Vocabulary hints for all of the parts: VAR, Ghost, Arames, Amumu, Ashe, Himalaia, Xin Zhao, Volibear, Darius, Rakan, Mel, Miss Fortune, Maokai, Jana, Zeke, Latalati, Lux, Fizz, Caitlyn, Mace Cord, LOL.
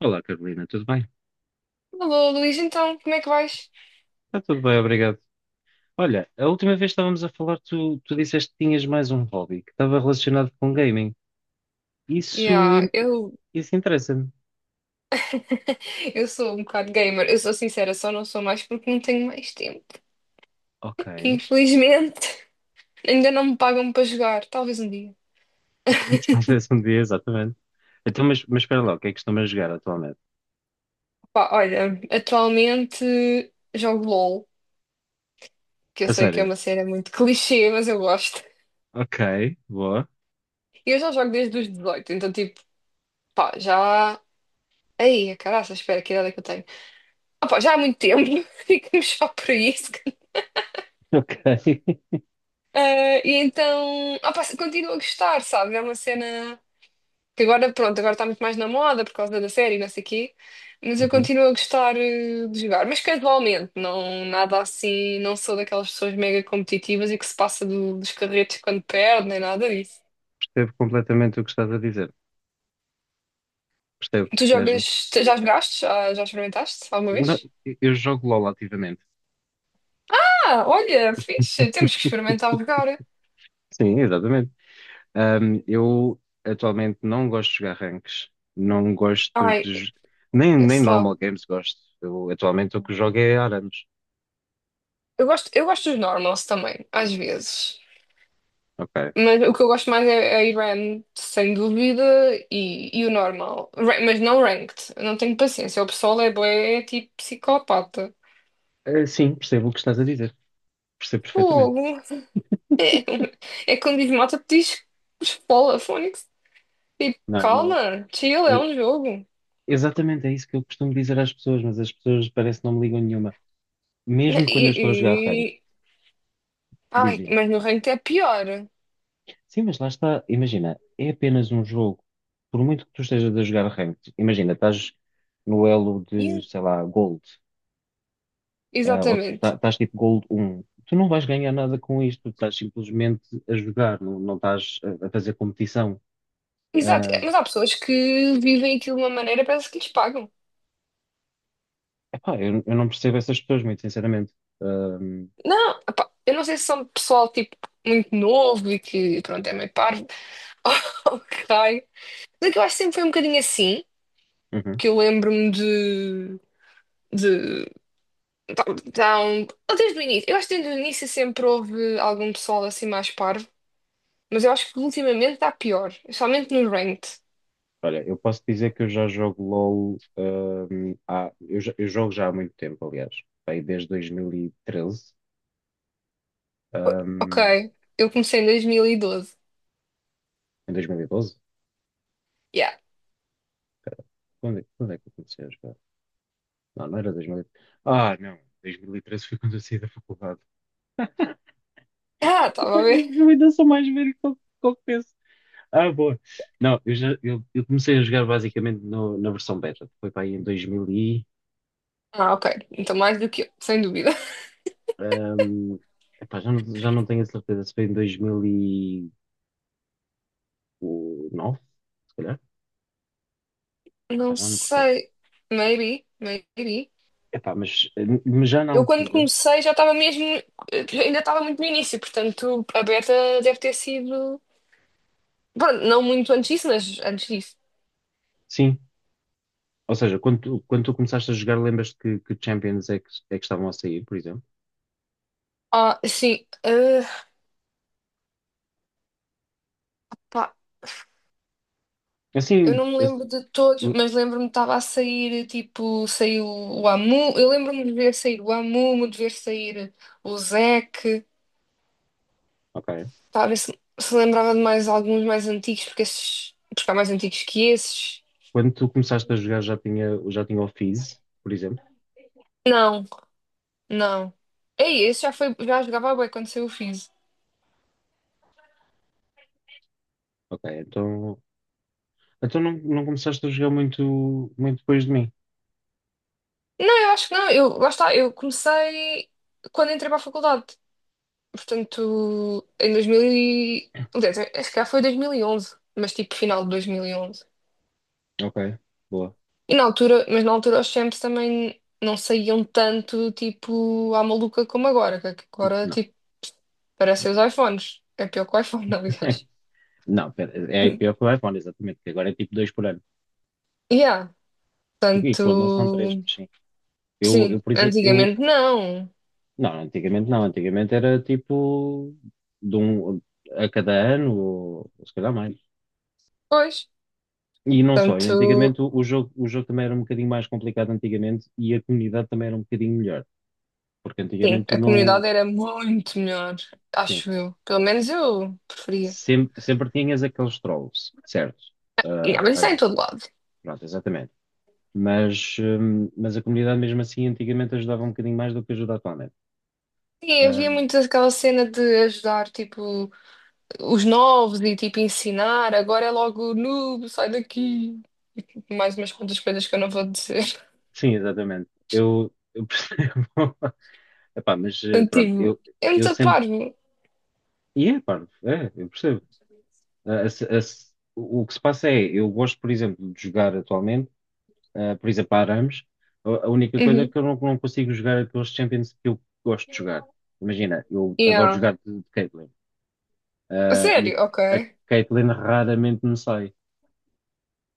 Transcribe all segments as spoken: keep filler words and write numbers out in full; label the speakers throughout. Speaker 1: Olá, Carolina, tudo bem?
Speaker 2: Alô, Luís, então, como é que vais?
Speaker 1: Está tudo bem, obrigado. Olha, a última vez que estávamos a falar, tu, tu disseste que tinhas mais um hobby que estava relacionado com gaming. Isso,
Speaker 2: Yeah,
Speaker 1: in-
Speaker 2: eu...
Speaker 1: isso interessa-me.
Speaker 2: eu sou um bocado gamer, eu sou sincera, só não sou mais porque não tenho mais tempo.
Speaker 1: Ok.
Speaker 2: Infelizmente, ainda não me pagam para jogar, talvez um dia.
Speaker 1: Talvez um dia, exatamente. Então, mas, mas espera lá, o que é que estão a jogar atualmente?
Speaker 2: Pá, olha, atualmente jogo LOL, que eu
Speaker 1: A
Speaker 2: sei que é
Speaker 1: sério?
Speaker 2: uma cena muito clichê, mas eu gosto.
Speaker 1: Ok, boa.
Speaker 2: E eu já jogo desde os dezoito, então tipo, pá, já... aí, caraca, espera, que idade é que eu tenho? Ah, pá, já há muito tempo, ficamos só por isso.
Speaker 1: Ok.
Speaker 2: Ah, e então, opa, continuo a gostar, sabe? É uma cena que agora, pronto, agora está muito mais na moda por causa da série, e não sei o quê, mas eu
Speaker 1: Uhum,
Speaker 2: continuo a gostar, eh, de jogar, mas casualmente, não, nada assim, não sou daquelas pessoas mega competitivas e que se passa do- dos carretos quando perde, nem nada disso.
Speaker 1: percebo completamente o que estás a dizer. Percebo
Speaker 2: Tu
Speaker 1: mesmo.
Speaker 2: jogas, tu já jogaste? Já, já experimentaste alguma
Speaker 1: Não,
Speaker 2: vez?
Speaker 1: eu eu jogo LOL ativamente.
Speaker 2: Ah, olha, fixe, temos que experimentar jogar.
Speaker 1: Sim, exatamente. Ahm, eu atualmente não gosto de jogar ranks, não gosto
Speaker 2: Ai,
Speaker 1: de. j- Nem, nem
Speaker 2: sei lá.
Speaker 1: normal games gosto. Eu, atualmente o que jogo é Arames.
Speaker 2: Eu gosto, eu gosto dos normals também, às vezes.
Speaker 1: Ok.
Speaker 2: Mas o que eu gosto mais é, é ir RAM, sem dúvida, e, e o normal. Ra- mas não ranked. Eu não tenho paciência. O pessoal é bué, é tipo psicopata.
Speaker 1: Eh, sim, percebo o que estás a dizer. Percebo perfeitamente.
Speaker 2: Fogo. É, é quando diz mata, diz espola, Fónix. Tipo,
Speaker 1: Não, eu não.
Speaker 2: calma, chill, é
Speaker 1: eu-
Speaker 2: um jogo.
Speaker 1: exatamente é isso que eu costumo dizer às pessoas, mas as pessoas parece que não me ligam nenhuma.
Speaker 2: Ne-
Speaker 1: Mesmo quando
Speaker 2: E,
Speaker 1: eu estou a jogar rank,
Speaker 2: e- Ai,
Speaker 1: dizem:
Speaker 2: mas no ranked é pior.
Speaker 1: sim, mas lá está. Imagina, é apenas um jogo. Por muito que tu estejas a jogar rank, imagina, estás no elo de,
Speaker 2: Yeah.
Speaker 1: sei lá, Gold. Ah, ou
Speaker 2: Exatamente.
Speaker 1: tá- estás tipo Gold um, tu não vais ganhar nada com isto, tu estás simplesmente a jogar, não, não estás a, a fazer competição.
Speaker 2: Exato.
Speaker 1: Ah,
Speaker 2: Mas há pessoas que vivem aquilo de uma maneira, parece que lhes pagam.
Speaker 1: epá, eu, eu não percebo essas pessoas, muito sinceramente. Ahm,
Speaker 2: Não, epá, eu não sei se são pessoal tipo muito novo e que pronto é meio parvo. Oh, raio. Mas é que eu acho que sempre foi um bocadinho assim,
Speaker 1: uhum.
Speaker 2: que eu lembro-me de, de tá- tá um- desde o início. Eu acho que desde o início sempre houve algum pessoal assim mais parvo, mas eu acho que ultimamente está pior, especialmente no ranked.
Speaker 1: Olha, eu posso dizer que eu já jogo LOL, ahm, há- eu, já- eu jogo já há muito tempo, aliás, bem, desde dois mil e treze,
Speaker 2: Ok,
Speaker 1: ahm,
Speaker 2: eu comecei em dois mil e doze.
Speaker 1: em dois mil e doze.
Speaker 2: Yeah.
Speaker 1: Quando é, quando é que eu comecei a jogar? Não, não era dois mil e treze. Ah, não, dois mil e treze foi quando eu saí da faculdade.
Speaker 2: Ah, estava a ver.
Speaker 1: Eu, eu ainda sou mais velho que qualquer... Ah, boa. Não, eu já eu, eu comecei a jogar basicamente no- na versão beta. Foi para aí em dois mil e...
Speaker 2: Ah, ok. Então mais do que eu, sem dúvida.
Speaker 1: hum, epá, já não, já não tenho a certeza, se foi em dois mil e nove, se calhar. Epá,
Speaker 2: Não
Speaker 1: já não me recordo.
Speaker 2: sei. Maybe, maybe.
Speaker 1: Epá, mas, eh, mas já na
Speaker 2: Eu quando
Speaker 1: altura,
Speaker 2: comecei já estava mesmo, ainda estava muito no início, portanto a Beta deve ter sido, pronto, não muito antes disso, mas antes disso.
Speaker 1: sim. Ou seja, quando tu, quando tu começaste a jogar, lembras-te que, que Champions é que, é que estavam a sair, por exemplo?
Speaker 2: Ah, sim, ah, pá, eu
Speaker 1: Assim,
Speaker 2: não me
Speaker 1: esse-
Speaker 2: lembro de todos,
Speaker 1: uh,
Speaker 2: mas lembro-me que estava a sair, tipo, saiu o Amu, eu lembro-me de ver sair o Amumu, de ver sair o Zeke,
Speaker 1: ok.
Speaker 2: pá, a ver se, se lembrava de mais alguns mais antigos, porque esses, porque há mais antigos que esses.
Speaker 1: Quando tu começaste a jogar já tinha, já tinha o Fizz, por exemplo.
Speaker 2: Não, não. Ei, esse já foi, já jogava bué quando saiu o Fizz.
Speaker 1: Ok, então... Então não, não começaste a jogar muito, muito depois de mim?
Speaker 2: Não, eu acho que não. Eu, lá está, eu comecei quando entrei para a faculdade. Portanto, em dois mil e... Aliás, é, acho que já foi dois mil e onze, mas tipo final de dois mil e onze. E onze.
Speaker 1: Ok, boa.
Speaker 2: E na altura, mas na altura os champs também não saíam tanto, tipo, à maluca como agora. Que agora,
Speaker 1: Não,
Speaker 2: tipo,
Speaker 1: não.
Speaker 2: parecem os iPhones. É pior que o iPhone, aliás.
Speaker 1: Não, pera, é pior que o iPhone, exatamente, que agora é tipo dois por ano.
Speaker 2: Yeah,
Speaker 1: E, e quando não são três,
Speaker 2: tanto...
Speaker 1: mas sim. Eu,
Speaker 2: sim,
Speaker 1: eu, por exemplo, eu.
Speaker 2: antigamente não.
Speaker 1: Não, antigamente não, antigamente era tipo de um a cada ano, ou, ou se calhar mais.
Speaker 2: Pois,
Speaker 1: E não só, e
Speaker 2: tanto...
Speaker 1: antigamente o, o jogo, o jogo também era um bocadinho mais complicado antigamente e a comunidade também era um bocadinho melhor. Porque
Speaker 2: sim,
Speaker 1: antigamente tu
Speaker 2: a
Speaker 1: não,
Speaker 2: comunidade era muito melhor,
Speaker 1: sim,
Speaker 2: acho eu. Pelo menos eu preferia.
Speaker 1: sempre, sempre tinhas aqueles trolls, certo?
Speaker 2: E, ah,
Speaker 1: Ah,
Speaker 2: mas isso
Speaker 1: às...
Speaker 2: é em todo lado.
Speaker 1: Pronto, exatamente. Mas, hum, mas a comunidade mesmo assim antigamente ajudava um bocadinho mais do que ajuda atualmente.
Speaker 2: Sim, havia
Speaker 1: Hum,
Speaker 2: muito aquela cena de ajudar, tipo, os novos e, tipo, ensinar. Agora é logo, noob, sai daqui. Mais umas quantas coisas que eu não vou dizer.
Speaker 1: sim, exatamente. Eu, eu percebo. Epá, mas eh,
Speaker 2: Portanto,
Speaker 1: pronto,
Speaker 2: tipo,
Speaker 1: eu,
Speaker 2: é
Speaker 1: eu
Speaker 2: muito
Speaker 1: sempre...
Speaker 2: parvo.
Speaker 1: E é, pá, é, eu percebo. Ah, a se- a se- O que se passa é, eu gosto, por exemplo, de jogar atualmente, ah, por exemplo, a Arames. A, a única coisa é
Speaker 2: Uhum.
Speaker 1: que eu não, não consigo jogar aqueles Champions que eu gosto de jogar. Imagina, eu adoro
Speaker 2: Yeah.
Speaker 1: jogar de, de Caitlyn.
Speaker 2: A
Speaker 1: Ah, e
Speaker 2: sério? Ok.
Speaker 1: a, a Caitlyn raramente me sai.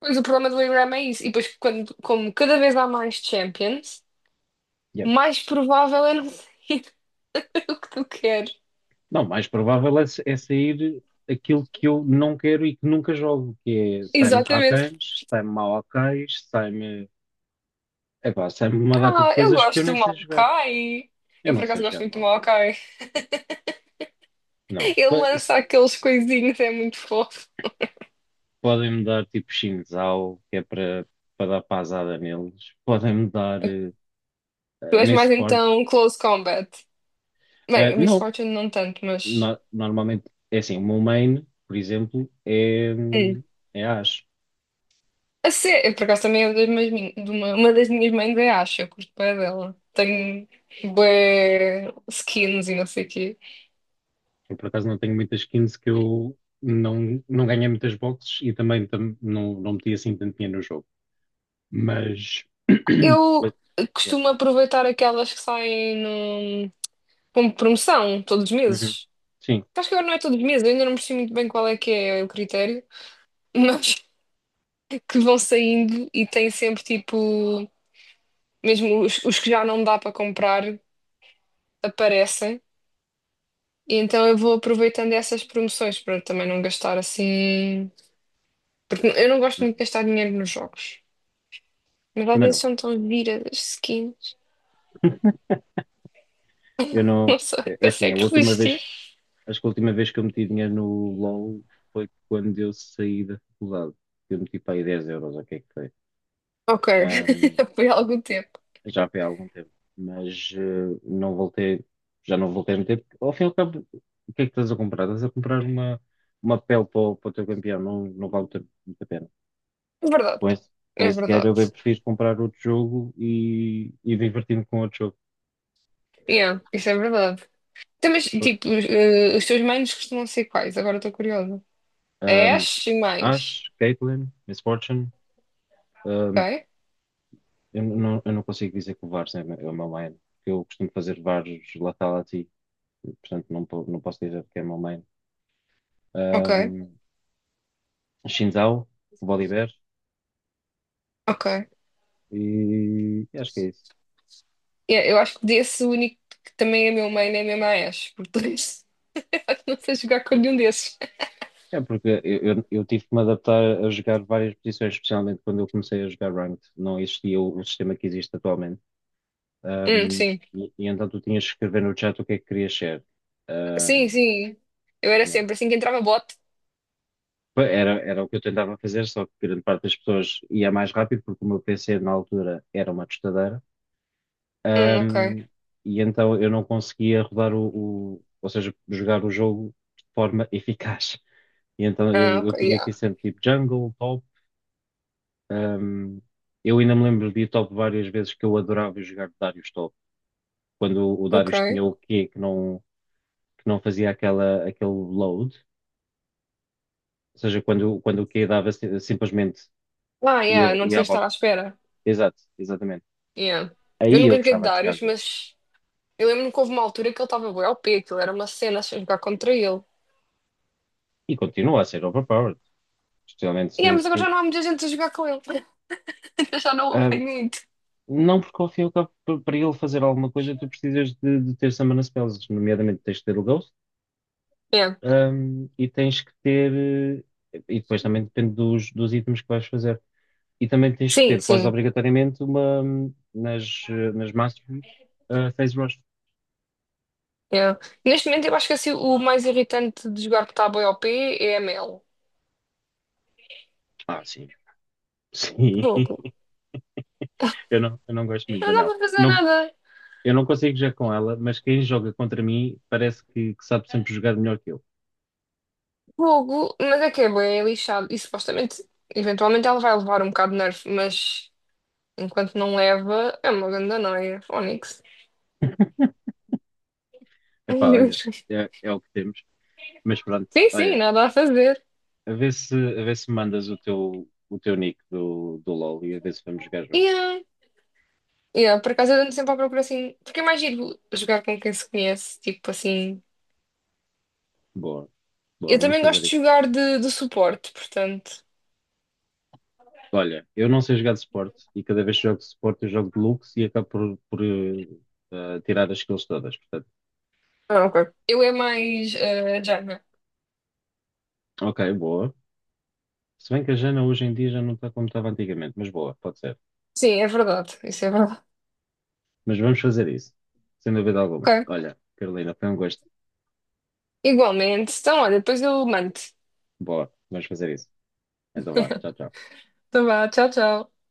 Speaker 2: Pois o problema do Ingram é isso. E depois, quando, como cada vez há mais champions,
Speaker 1: Yeah.
Speaker 2: mais provável é não ser o que tu queres.
Speaker 1: Não, mais provável é, é sair aquilo que eu não quero e que nunca jogo, que é sai-me
Speaker 2: Exatamente.
Speaker 1: Rakans, sai-me Maokais, sai-me... Epá, sai-me uma data de
Speaker 2: Ah, eu
Speaker 1: coisas que eu
Speaker 2: gosto
Speaker 1: nem
Speaker 2: do
Speaker 1: sei jogar.
Speaker 2: Maokai.
Speaker 1: Eu
Speaker 2: Eu
Speaker 1: não
Speaker 2: por acaso
Speaker 1: sei
Speaker 2: gosto
Speaker 1: jogar de
Speaker 2: muito do
Speaker 1: Maokai.
Speaker 2: Maokai.
Speaker 1: Não.
Speaker 2: Ele
Speaker 1: Po- se-
Speaker 2: lança aqueles coisinhos, é muito fofo.
Speaker 1: Podem-me dar tipo Xin Zhao, que é para para dar pasada neles. Podem-me dar eh, eh,
Speaker 2: Tu és
Speaker 1: Mace
Speaker 2: mais
Speaker 1: Cord.
Speaker 2: então Close Combat. Bem,
Speaker 1: Eh,
Speaker 2: a Miss
Speaker 1: não.
Speaker 2: Fortune não tanto, mas.
Speaker 1: No- normalmente, é assim, o meu main, por exemplo, é,
Speaker 2: Hum.
Speaker 1: hum, é Ashe.
Speaker 2: A ser, eu por acaso também é uma das minhas, min- de uma, uma das minhas mangas, acho. Eu curto bem dela. Tenho bué skins e não sei o quê.
Speaker 1: Eu, por acaso, não tenho muitas skins, que eu não, não ganhei muitas boxes e também tam- não, não meti assim tanto dinheiro no jogo. Mas.
Speaker 2: Eu
Speaker 1: Mas, yeah.
Speaker 2: costumo aproveitar aquelas que saem no, como promoção todos os
Speaker 1: Uhum.
Speaker 2: meses.
Speaker 1: Sim,
Speaker 2: Acho que agora não é todos os meses, eu ainda não percebi muito bem qual é que é o critério. Mas que vão saindo e tem sempre tipo, mesmo os, os que já não dá para comprar aparecem. E então eu vou aproveitando essas promoções para também não gastar assim. Porque eu não gosto
Speaker 1: uhum.
Speaker 2: muito de gastar dinheiro nos jogos. Mas às
Speaker 1: Também
Speaker 2: vezes
Speaker 1: não.
Speaker 2: são tão giras as skins.
Speaker 1: Eu não.
Speaker 2: Não sei,
Speaker 1: É é assim, a
Speaker 2: consegue
Speaker 1: última vez...
Speaker 2: resistir.
Speaker 1: Acho que a última vez que eu meti dinheiro no LOL foi quando eu saí da faculdade. Eu meti para aí dez euros, ok que é que
Speaker 2: Ok,
Speaker 1: foi?
Speaker 2: foi há algum tempo.
Speaker 1: Já foi há algum tempo, mas eh, não voltei, já não voltei a meter, porque ao fim e ao cabo, o que é que estás a comprar? Estás a comprar uma, uma pele para o, para o teu campeão, não, não vale muito, a muito a pena.
Speaker 2: É verdade,
Speaker 1: Com esse, com
Speaker 2: é
Speaker 1: esse dinheiro eu
Speaker 2: verdade.
Speaker 1: bem prefiro comprar outro jogo e, e divertir-me com outro jogo.
Speaker 2: Yeah, isso é verdade. Então, mas, tipo, os, eh, os teus manos costumam ser quais? Agora estou curiosa. A
Speaker 1: Um,
Speaker 2: Ash e mais.
Speaker 1: Ash, Caitlyn, Miss Fortune, um,
Speaker 2: Ok,
Speaker 1: eu não, eu não consigo dizer que o V A Rs é, o meu é o meu main, porque eu costumo fazer V A Rs Latalati, portanto não, po- não posso dizer que é o meu main.
Speaker 2: ok,
Speaker 1: Um, Xin Zhao, o Volibear,
Speaker 2: ok.
Speaker 1: e acho que é isso.
Speaker 2: É, eu acho que desse o único que também é meu main é mesmo a Ashe, portanto não sei jogar com nenhum desses.
Speaker 1: É porque eu, eu, eu tive que me adaptar a jogar várias posições, especialmente quando eu comecei a jogar Ranked. Não existia o, o sistema que existe atualmente.
Speaker 2: Hum,
Speaker 1: Ahm,
Speaker 2: sim.
Speaker 1: e, e então tu tinhas que escrever no chat o que é que querias ser.
Speaker 2: Sim,
Speaker 1: Ahm,
Speaker 2: sim. Eu era
Speaker 1: yeah.
Speaker 2: sempre assim que entrava bot.
Speaker 1: Era, era o que eu tentava fazer, só que grande parte das pessoas ia mais rápido, porque o meu P C na altura era uma tostadeira.
Speaker 2: Hum, ok.
Speaker 1: Ahm, e então eu não conseguia rodar o, o- ou seja, jogar o jogo de forma eficaz. E então
Speaker 2: Ah,
Speaker 1: eu, eu
Speaker 2: ok,
Speaker 1: tinha aqui
Speaker 2: yeah.
Speaker 1: sempre tipo jungle, top. Um, eu ainda me lembro de ir top várias vezes, que eu adorava jogar Darius top. Quando o, o
Speaker 2: Ok.
Speaker 1: Darius tinha o Q que não, que não fazia aquela, aquele load. Ou seja, quando, quando o Q dava si- simplesmente
Speaker 2: Ah, yeah,
Speaker 1: ia,
Speaker 2: não
Speaker 1: ia
Speaker 2: tinha
Speaker 1: à
Speaker 2: estado
Speaker 1: volta.
Speaker 2: à espera.
Speaker 1: Exato, exatamente.
Speaker 2: Yeah. Eu
Speaker 1: Aí
Speaker 2: nunca
Speaker 1: eu
Speaker 2: joguei de
Speaker 1: gostava de jogar
Speaker 2: Darius,
Speaker 1: Darius.
Speaker 2: mas eu lembro-me que houve uma altura que ele estava bué O P, aquilo era uma cena a jogar contra ele.
Speaker 1: E continua a ser overpowered. Especialmente
Speaker 2: Yeah,
Speaker 1: se,
Speaker 2: mas agora já
Speaker 1: se-
Speaker 2: não há muita gente a jogar com ele. Eu já não o
Speaker 1: um,
Speaker 2: apanho muito.
Speaker 1: não porque ao fim e ao cabo, pa- para ele fazer alguma coisa, tu precisas de, de ter summon spells, nomeadamente tens de ter o Ghost.
Speaker 2: Yeah.
Speaker 1: Hum, e tens que ter, eh, e depois também depende dos, dos itens que vais fazer, e também tens que
Speaker 2: Sim,
Speaker 1: ter quase
Speaker 2: sim.
Speaker 1: obrigatoriamente uma, hum, nas, eh, nas masteries, eh, phase rush.
Speaker 2: Yeah. Neste momento eu acho que assim, o mais irritante de jogar que está bué O P é a Mel.
Speaker 1: Ah, sim, sim,
Speaker 2: Fogo.
Speaker 1: eu não, eu não gosto muito
Speaker 2: Não
Speaker 1: da
Speaker 2: dá
Speaker 1: Mel.
Speaker 2: para fazer
Speaker 1: Não,
Speaker 2: nada.
Speaker 1: eu não consigo jogar com ela, mas quem joga contra mim parece que, que sabe sempre jogar melhor que eu.
Speaker 2: Fogo. Mas é que é bem lixado. E supostamente, eventualmente ela vai levar um bocado de nerf, mas enquanto não leva, é uma grande noia. Fónix.
Speaker 1: Epá, olha, é, é o que temos, mas pronto,
Speaker 2: Sim, sim,
Speaker 1: olha,
Speaker 2: nada a fazer.
Speaker 1: a ver se, a ver se me mandas o teu, o teu nick do, do LoL e a ver se vamos jogar
Speaker 2: E
Speaker 1: juntos.
Speaker 2: ah, ah, por acaso eu ando sempre à procura assim. Porque é mais giro jogar com quem se conhece. Tipo assim.
Speaker 1: Boa, boa,
Speaker 2: Eu
Speaker 1: vamos
Speaker 2: também
Speaker 1: fazer
Speaker 2: gosto de
Speaker 1: isso.
Speaker 2: jogar de, de suporte, portanto.
Speaker 1: Olha, eu não sei jogar de suporte e cada vez que jogo de suporte eu jogo de Lux e acabo por, por, eh, eh, tirar as skills todas. Portanto,
Speaker 2: Ah, ok. Eu é mais. uh,
Speaker 1: ok, boa. Se bem que a Jana hoje em dia já não está como estava antigamente, mas boa, pode ser.
Speaker 2: Sim, é verdade. Isso é verdade.
Speaker 1: Mas vamos fazer isso, sem dúvida alguma.
Speaker 2: Ok.
Speaker 1: Olha, Carolina, foi um gosto.
Speaker 2: Igualmente. Então, olha, depois eu mando.
Speaker 1: Boa, vamos fazer isso. Então vá, tchau, tchau.
Speaker 2: Então vá, tchau, tchau.